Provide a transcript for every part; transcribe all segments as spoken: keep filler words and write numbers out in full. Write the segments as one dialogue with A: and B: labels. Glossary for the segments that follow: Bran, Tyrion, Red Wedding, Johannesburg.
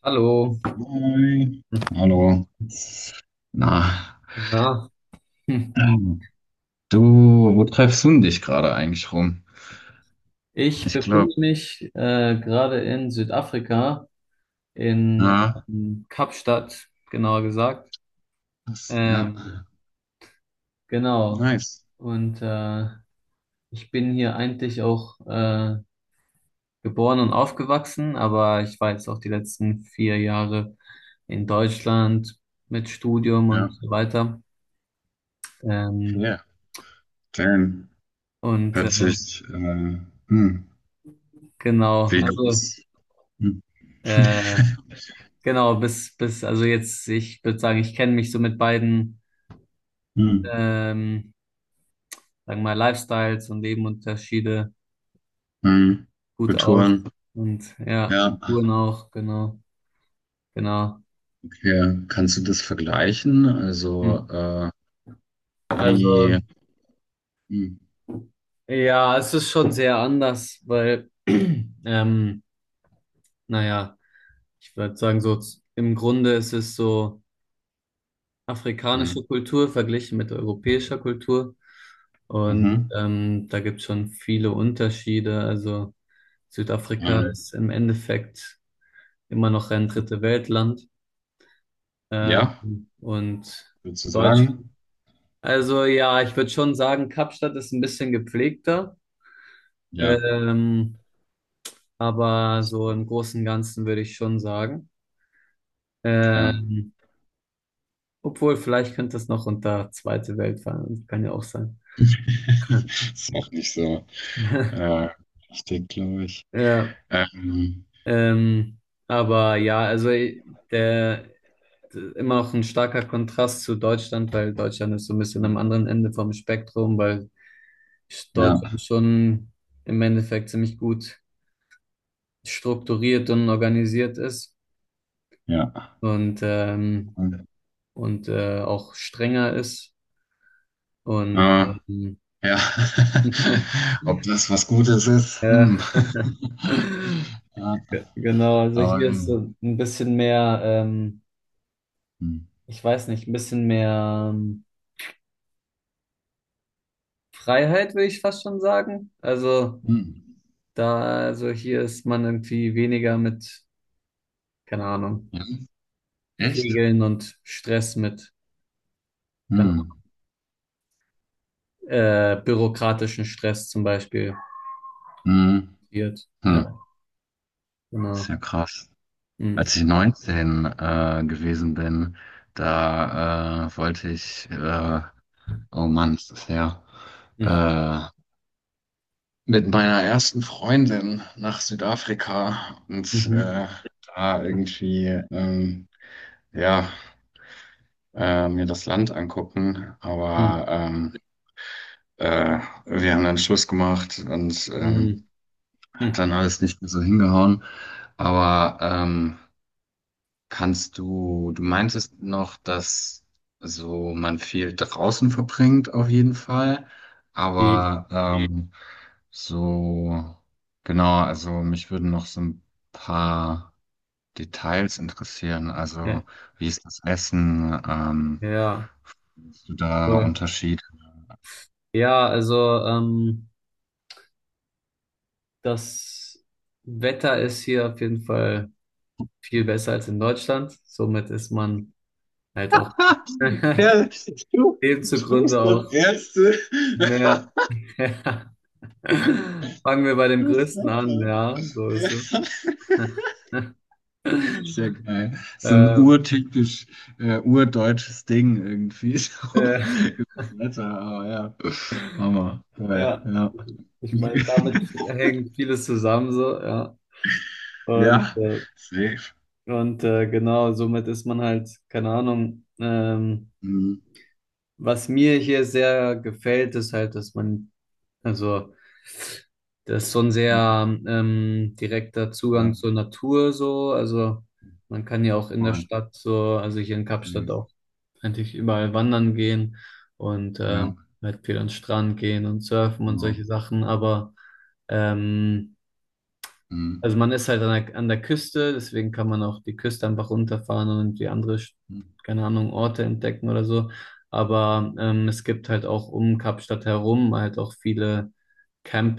A: Hallo,
B: Hi. Hallo. Na,
A: na, hm.
B: ähm, du, wo treibst du denn dich gerade eigentlich rum?
A: Ich
B: Ich
A: befinde
B: glaube,
A: mich äh, gerade in Südafrika, in
B: ja,
A: ähm, Kapstadt, genauer gesagt.
B: das, ja,
A: Ähm, genau.
B: nice.
A: Und äh, ich bin hier eigentlich auch äh, geboren und aufgewachsen, aber ich war jetzt auch die letzten vier Jahre in Deutschland mit Studium und
B: Ja,
A: so weiter. Ähm,
B: okay. Dann
A: und äh,
B: hört sich, äh, hm,
A: genau,
B: wie
A: also
B: groß, hm,
A: äh, genau, bis, bis, also jetzt, ich würde sagen, ich kenne mich so mit beiden,
B: hm,
A: ähm, sagen wir mal, Lifestyles und Lebenunterschiede
B: hm,
A: gut aus.
B: Kulturen,
A: Und ja,
B: ja,
A: Kulturen auch, genau, genau.
B: okay. Kannst du das vergleichen?
A: Hm.
B: Also, äh,
A: Also,
B: wie, hm,
A: ja, es ist schon sehr anders, weil, ähm, naja, ich würde sagen, so z- im Grunde ist es so
B: hm,
A: afrikanische Kultur verglichen mit europäischer Kultur. Und
B: mhm,
A: ähm, da gibt es schon viele Unterschiede. Also Südafrika
B: hm,
A: ist im Endeffekt immer noch ein dritte Weltland. Ähm,
B: ja,
A: und
B: würdest du sagen?
A: Deutschland. Also ja, ich würde schon sagen, Kapstadt ist ein bisschen gepflegter.
B: Ja.
A: Ähm, aber so im Großen und Ganzen würde ich schon sagen.
B: Ja.
A: Ähm, Obwohl, vielleicht könnte es noch unter Zweite Welt fallen. Kann ja auch sein.
B: Ist auch nicht so äh, richtig, glaube ich.
A: Ja,
B: Ähm,
A: ähm, aber ja, also der, immer auch ein starker Kontrast zu Deutschland, weil Deutschland ist so ein bisschen am anderen Ende vom Spektrum, weil
B: ja,
A: Deutschland schon im Endeffekt ziemlich gut strukturiert und organisiert ist
B: ja.
A: und, ähm,
B: Und,
A: und äh, auch strenger ist. Und
B: äh,
A: ähm,
B: ja. Ob
A: ja,
B: das was Gutes ist? Hm. Ja,
A: Ge- genau, also
B: aber
A: hier ist
B: ähm,
A: so ein bisschen mehr, ähm,
B: hm.
A: ich weiß nicht, ein bisschen mehr ähm, Freiheit, würde ich fast schon sagen. Also
B: Hm.
A: da, also hier ist man irgendwie weniger mit, keine Ahnung,
B: Ja, echt?
A: Regeln und Stress mit, keine
B: Hm.
A: Ahnung, äh, bürokratischen Stress zum Beispiel.
B: Hm.
A: Wird.
B: Hm.
A: Ja,
B: Ist
A: genau.
B: ja krass.
A: Hm.
B: Als ich neunzehn äh, gewesen bin, da äh, wollte ich, äh, oh Mann, ist das her,
A: Hm.
B: äh, mit meiner ersten Freundin nach Südafrika und
A: Mhm.
B: äh, da irgendwie ähm, ja äh, mir das Land angucken.
A: Hm.
B: Aber ähm, äh, wir haben dann Schluss gemacht und ähm,
A: Hm.
B: hat
A: Hm.
B: dann alles nicht mehr so hingehauen. Aber ähm, kannst du, du meintest noch, dass so man viel draußen verbringt auf jeden Fall,
A: Die-
B: aber mhm. ähm, So, genau, also mich würden noch so ein paar Details interessieren.
A: Ja,
B: Also, wie ist das Essen? Ähm,
A: ja,
B: siehst du da
A: voll.
B: Unterschied?
A: Ja, also ähm, das Wetter ist hier auf jeden Fall viel besser als in Deutschland. Somit ist man halt auch
B: Ja, du
A: dem zugrunde
B: sprichst das
A: auch
B: erste.
A: mehr. Fangen wir bei dem
B: Das
A: Größten an,
B: Wetter.
A: ja, so ist es.
B: Ja. Sehr geil. So ein
A: äh,
B: urtypisch, äh, urdeutsches Ding irgendwie.
A: äh,
B: So, das Wetter, aber ja. Hammer. Geil,
A: ja,
B: ja.
A: ich
B: Okay.
A: meine, damit hängt vieles zusammen, so, ja. Und,
B: Ja,
A: äh,
B: safe.
A: und äh, genau, somit ist man halt, keine Ahnung, ähm,
B: Mhm.
A: was mir hier sehr gefällt, ist halt, dass man, also, das ist so ein sehr ähm, direkter
B: Ja,
A: Zugang zur Natur, so, also, man kann ja auch in der
B: voll.
A: Stadt, so, also hier in Kapstadt
B: Safe.
A: auch. Eigentlich überall wandern gehen und
B: Ja,
A: ähm, halt viel an den Strand gehen und surfen und
B: genau.
A: solche Sachen, aber ähm,
B: Mhm.
A: also man ist halt an der, an der Küste, deswegen kann man auch die Küste einfach runterfahren und die andere, Sch-
B: Mhm.
A: keine Ahnung, Orte entdecken oder so. Aber ähm, es gibt halt auch um Kapstadt herum halt auch viele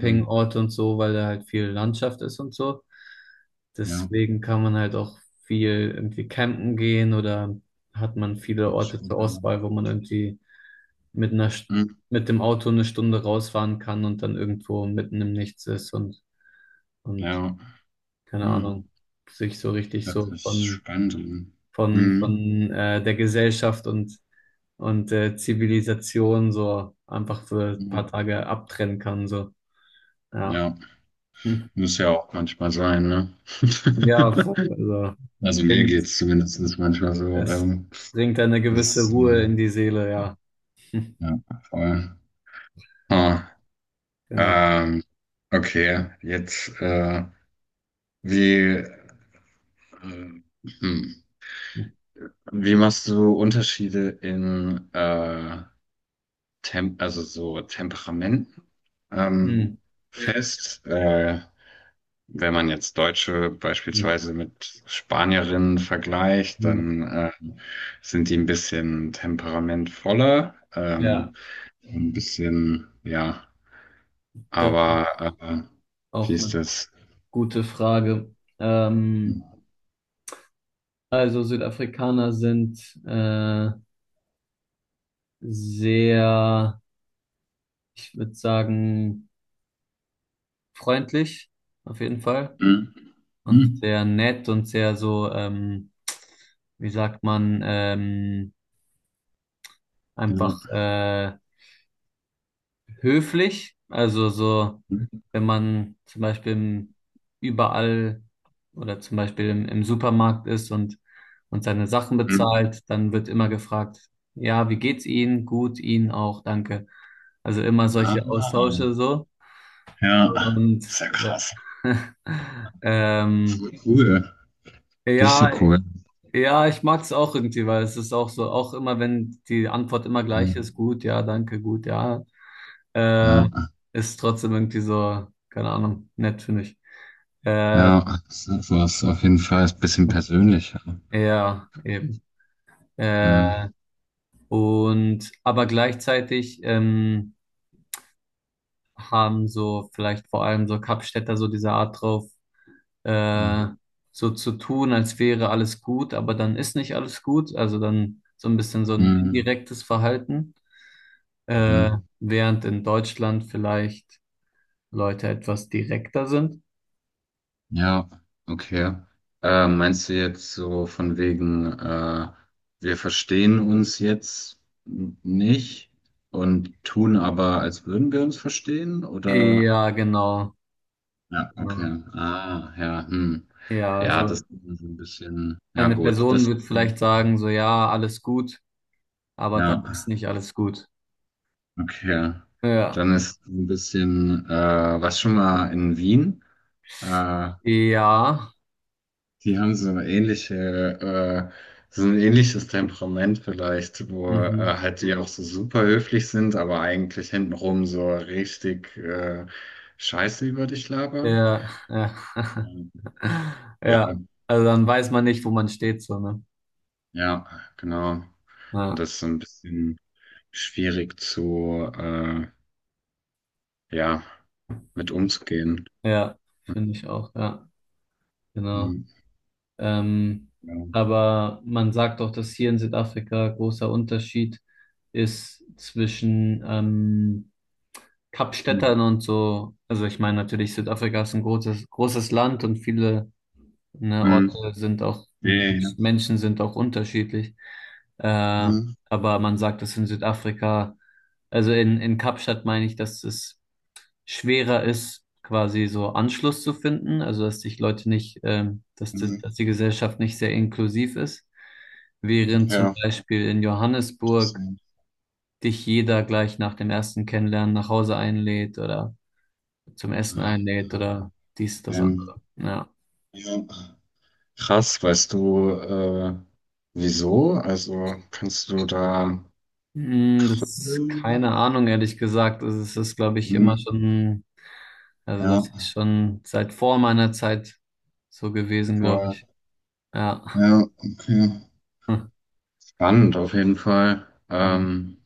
B: Mhm.
A: und so, weil da halt viel Landschaft ist und so.
B: Ja,
A: Deswegen kann man halt auch viel irgendwie campen gehen oder hat man viele
B: hört sich
A: Orte zur
B: gut an.
A: Auswahl, wo man irgendwie mit einer, St-
B: Mhm.
A: mit dem Auto eine Stunde rausfahren kann und dann irgendwo mitten im Nichts ist und, und
B: Ja,
A: keine
B: mhm.
A: Ahnung, sich so richtig
B: Das
A: so
B: ist
A: von,
B: spannend.
A: von,
B: Mhm.
A: von äh, der Gesellschaft und, und äh, Zivilisation so einfach für ein paar
B: Mhm.
A: Tage abtrennen kann. So. Ja.
B: Ja,
A: Hm.
B: muss ja auch manchmal sein, ne?
A: Ja, voll. Also
B: Also mir geht
A: bringt,
B: es zumindest manchmal so.
A: es
B: Ähm,
A: bringt eine gewisse
B: das,
A: Ruhe in die Seele, ja.
B: ja, voll. Ah,
A: Genau.
B: ähm, okay, jetzt, äh, wie, äh, hm. Wie machst du Unterschiede in äh, Tem also so Temperamenten ähm,
A: Hm.
B: fest? Äh, wenn man jetzt Deutsche
A: Hm.
B: beispielsweise mit Spanierinnen vergleicht,
A: Hm.
B: dann äh, sind die ein bisschen temperamentvoller,
A: Ja,
B: ähm, ein bisschen, ja,
A: das
B: aber
A: ist
B: äh, wie
A: auch
B: ist
A: eine
B: das?
A: gute Frage. Ähm, also Südafrikaner sind äh, sehr, ich würde sagen, freundlich, auf jeden Fall.
B: Hm,
A: Und
B: hm,
A: sehr nett und sehr so, ähm, wie sagt man, ähm, einfach
B: ja,
A: äh, höflich. Also so,
B: hm,
A: wenn man zum Beispiel im, überall oder zum Beispiel im, im Supermarkt ist und, und seine Sachen
B: hm.
A: bezahlt, dann wird immer gefragt, ja, wie geht's Ihnen? Gut, Ihnen auch, danke. Also immer solche
B: Ah,
A: Austausche so.
B: ja,
A: Und
B: sehr
A: äh,
B: krass.
A: ähm,
B: Voll cool.
A: ja,
B: Richtig cool.
A: ja, ich mag es auch irgendwie, weil es ist auch so, auch immer, wenn die Antwort immer gleich ist,
B: Mhm.
A: gut, ja, danke, gut, ja, äh,
B: Ja,
A: ist trotzdem irgendwie so, keine Ahnung, nett, finde ich. Äh,
B: ja, sowas auf jeden Fall ist ein bisschen persönlicher.
A: ja, eben.
B: Mhm.
A: Äh, und, aber gleichzeitig ähm, haben so vielleicht vor allem so Kapstädter so diese Art drauf,
B: Mhm.
A: äh, so zu tun, als wäre alles gut, aber dann ist nicht alles gut, also dann so ein bisschen so ein
B: Mhm.
A: indirektes Verhalten. äh,
B: Mhm.
A: Während in Deutschland vielleicht Leute etwas direkter sind.
B: Ja, okay. Äh, meinst du jetzt so von wegen, äh, wir verstehen uns jetzt n- nicht und tun aber, als würden wir uns verstehen? Oder?
A: Ja, genau.
B: Ja,
A: Genau.
B: okay. Ah, ja, hm.
A: Ja,
B: Ja, das
A: also
B: ist so ein bisschen, ja
A: eine
B: gut,
A: Person
B: das,
A: wird vielleicht sagen, so ja, alles gut, aber dann ist
B: ja.
A: nicht alles gut.
B: Okay.
A: Ja.
B: Dann ist ein bisschen, äh, was schon mal in Wien. Äh,
A: Ja.
B: die haben so eine ähnliche, äh, so ein ähnliches Temperament vielleicht, wo äh,
A: Mhm.
B: halt die auch so super höflich sind, aber eigentlich hintenrum so richtig äh, Scheiße über dich labern.
A: Ja, ja.
B: Ja,
A: Ja. Also dann weiß man nicht, wo man steht, so, ne?
B: ja, genau. Und
A: Ja,
B: das ist so ein bisschen schwierig zu, äh, ja, mit umzugehen.
A: ja, finde ich auch, ja, genau.
B: Hm,
A: Ähm,
B: ja.
A: aber man sagt auch, dass hier in Südafrika großer Unterschied ist zwischen ähm,
B: Hm.
A: Kapstädtern und so. Also ich meine natürlich, Südafrika ist ein großes, großes Land und viele ne,
B: Hm.
A: Orte sind auch,
B: Nee,
A: Menschen sind auch unterschiedlich. Äh,
B: mhm.
A: aber man sagt, dass in Südafrika, also in, in Kapstadt meine ich, dass es schwerer ist, quasi so Anschluss zu finden, also dass sich Leute nicht, ähm, dass, das-
B: Mhm.
A: dass die Gesellschaft nicht sehr inklusiv ist, während zum
B: Ja,
A: Beispiel in
B: das,
A: Johannesburg
B: sind,
A: dich jeder gleich nach dem ersten Kennenlernen nach Hause einlädt oder zum Essen
B: äh,
A: einlädt oder dies, das andere.
B: ähm,
A: Ja.
B: ja. Krass, weißt du, äh, wieso? Also kannst du da
A: Hm, das ist
B: Gründe?
A: keine Ahnung, ehrlich gesagt. Das ist, glaube ich, immer
B: Hm,
A: schon, also das
B: ja,
A: ist schon seit vor meiner Zeit so gewesen, glaube
B: voll.
A: ich. Ja.
B: Ja, okay. Spannend auf jeden Fall. Ähm,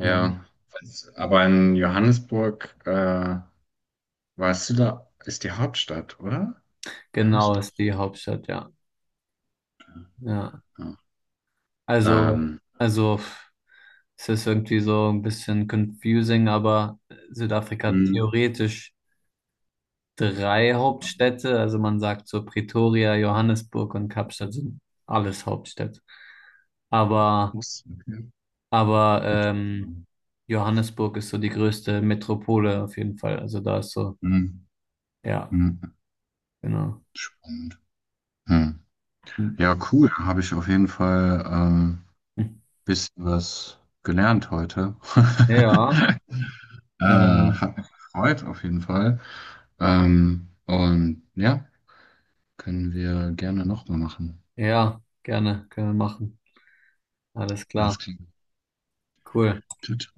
A: Ja.
B: Was- aber in Johannesburg, äh, warst du da, ist die Hauptstadt, oder?
A: Genau,
B: Johannesburg.
A: ist die Hauptstadt, ja. Ja.
B: Ja.
A: Also,
B: Ähm,
A: also pff, es ist irgendwie so ein bisschen confusing, aber Südafrika hat
B: hm,
A: theoretisch drei Hauptstädte. Also man sagt so Pretoria, Johannesburg und Kapstadt sind alles Hauptstädte. Aber,
B: muss, okay.
A: aber ähm,
B: Hm,
A: Johannesburg ist so die größte Metropole auf jeden Fall. Also da ist so,
B: hm.
A: ja,
B: Hm.
A: genau.
B: Und, hm.
A: Hm.
B: Ja, cool. Habe ich auf jeden Fall ähm, bisschen was gelernt heute.
A: Ja,
B: äh,
A: äh,
B: hat mich gefreut, auf jeden Fall. Ähm, und ja, können wir gerne nochmal machen.
A: ja, gerne, können wir machen. Alles
B: Alles
A: klar,
B: klar.
A: cool.
B: Tschüss.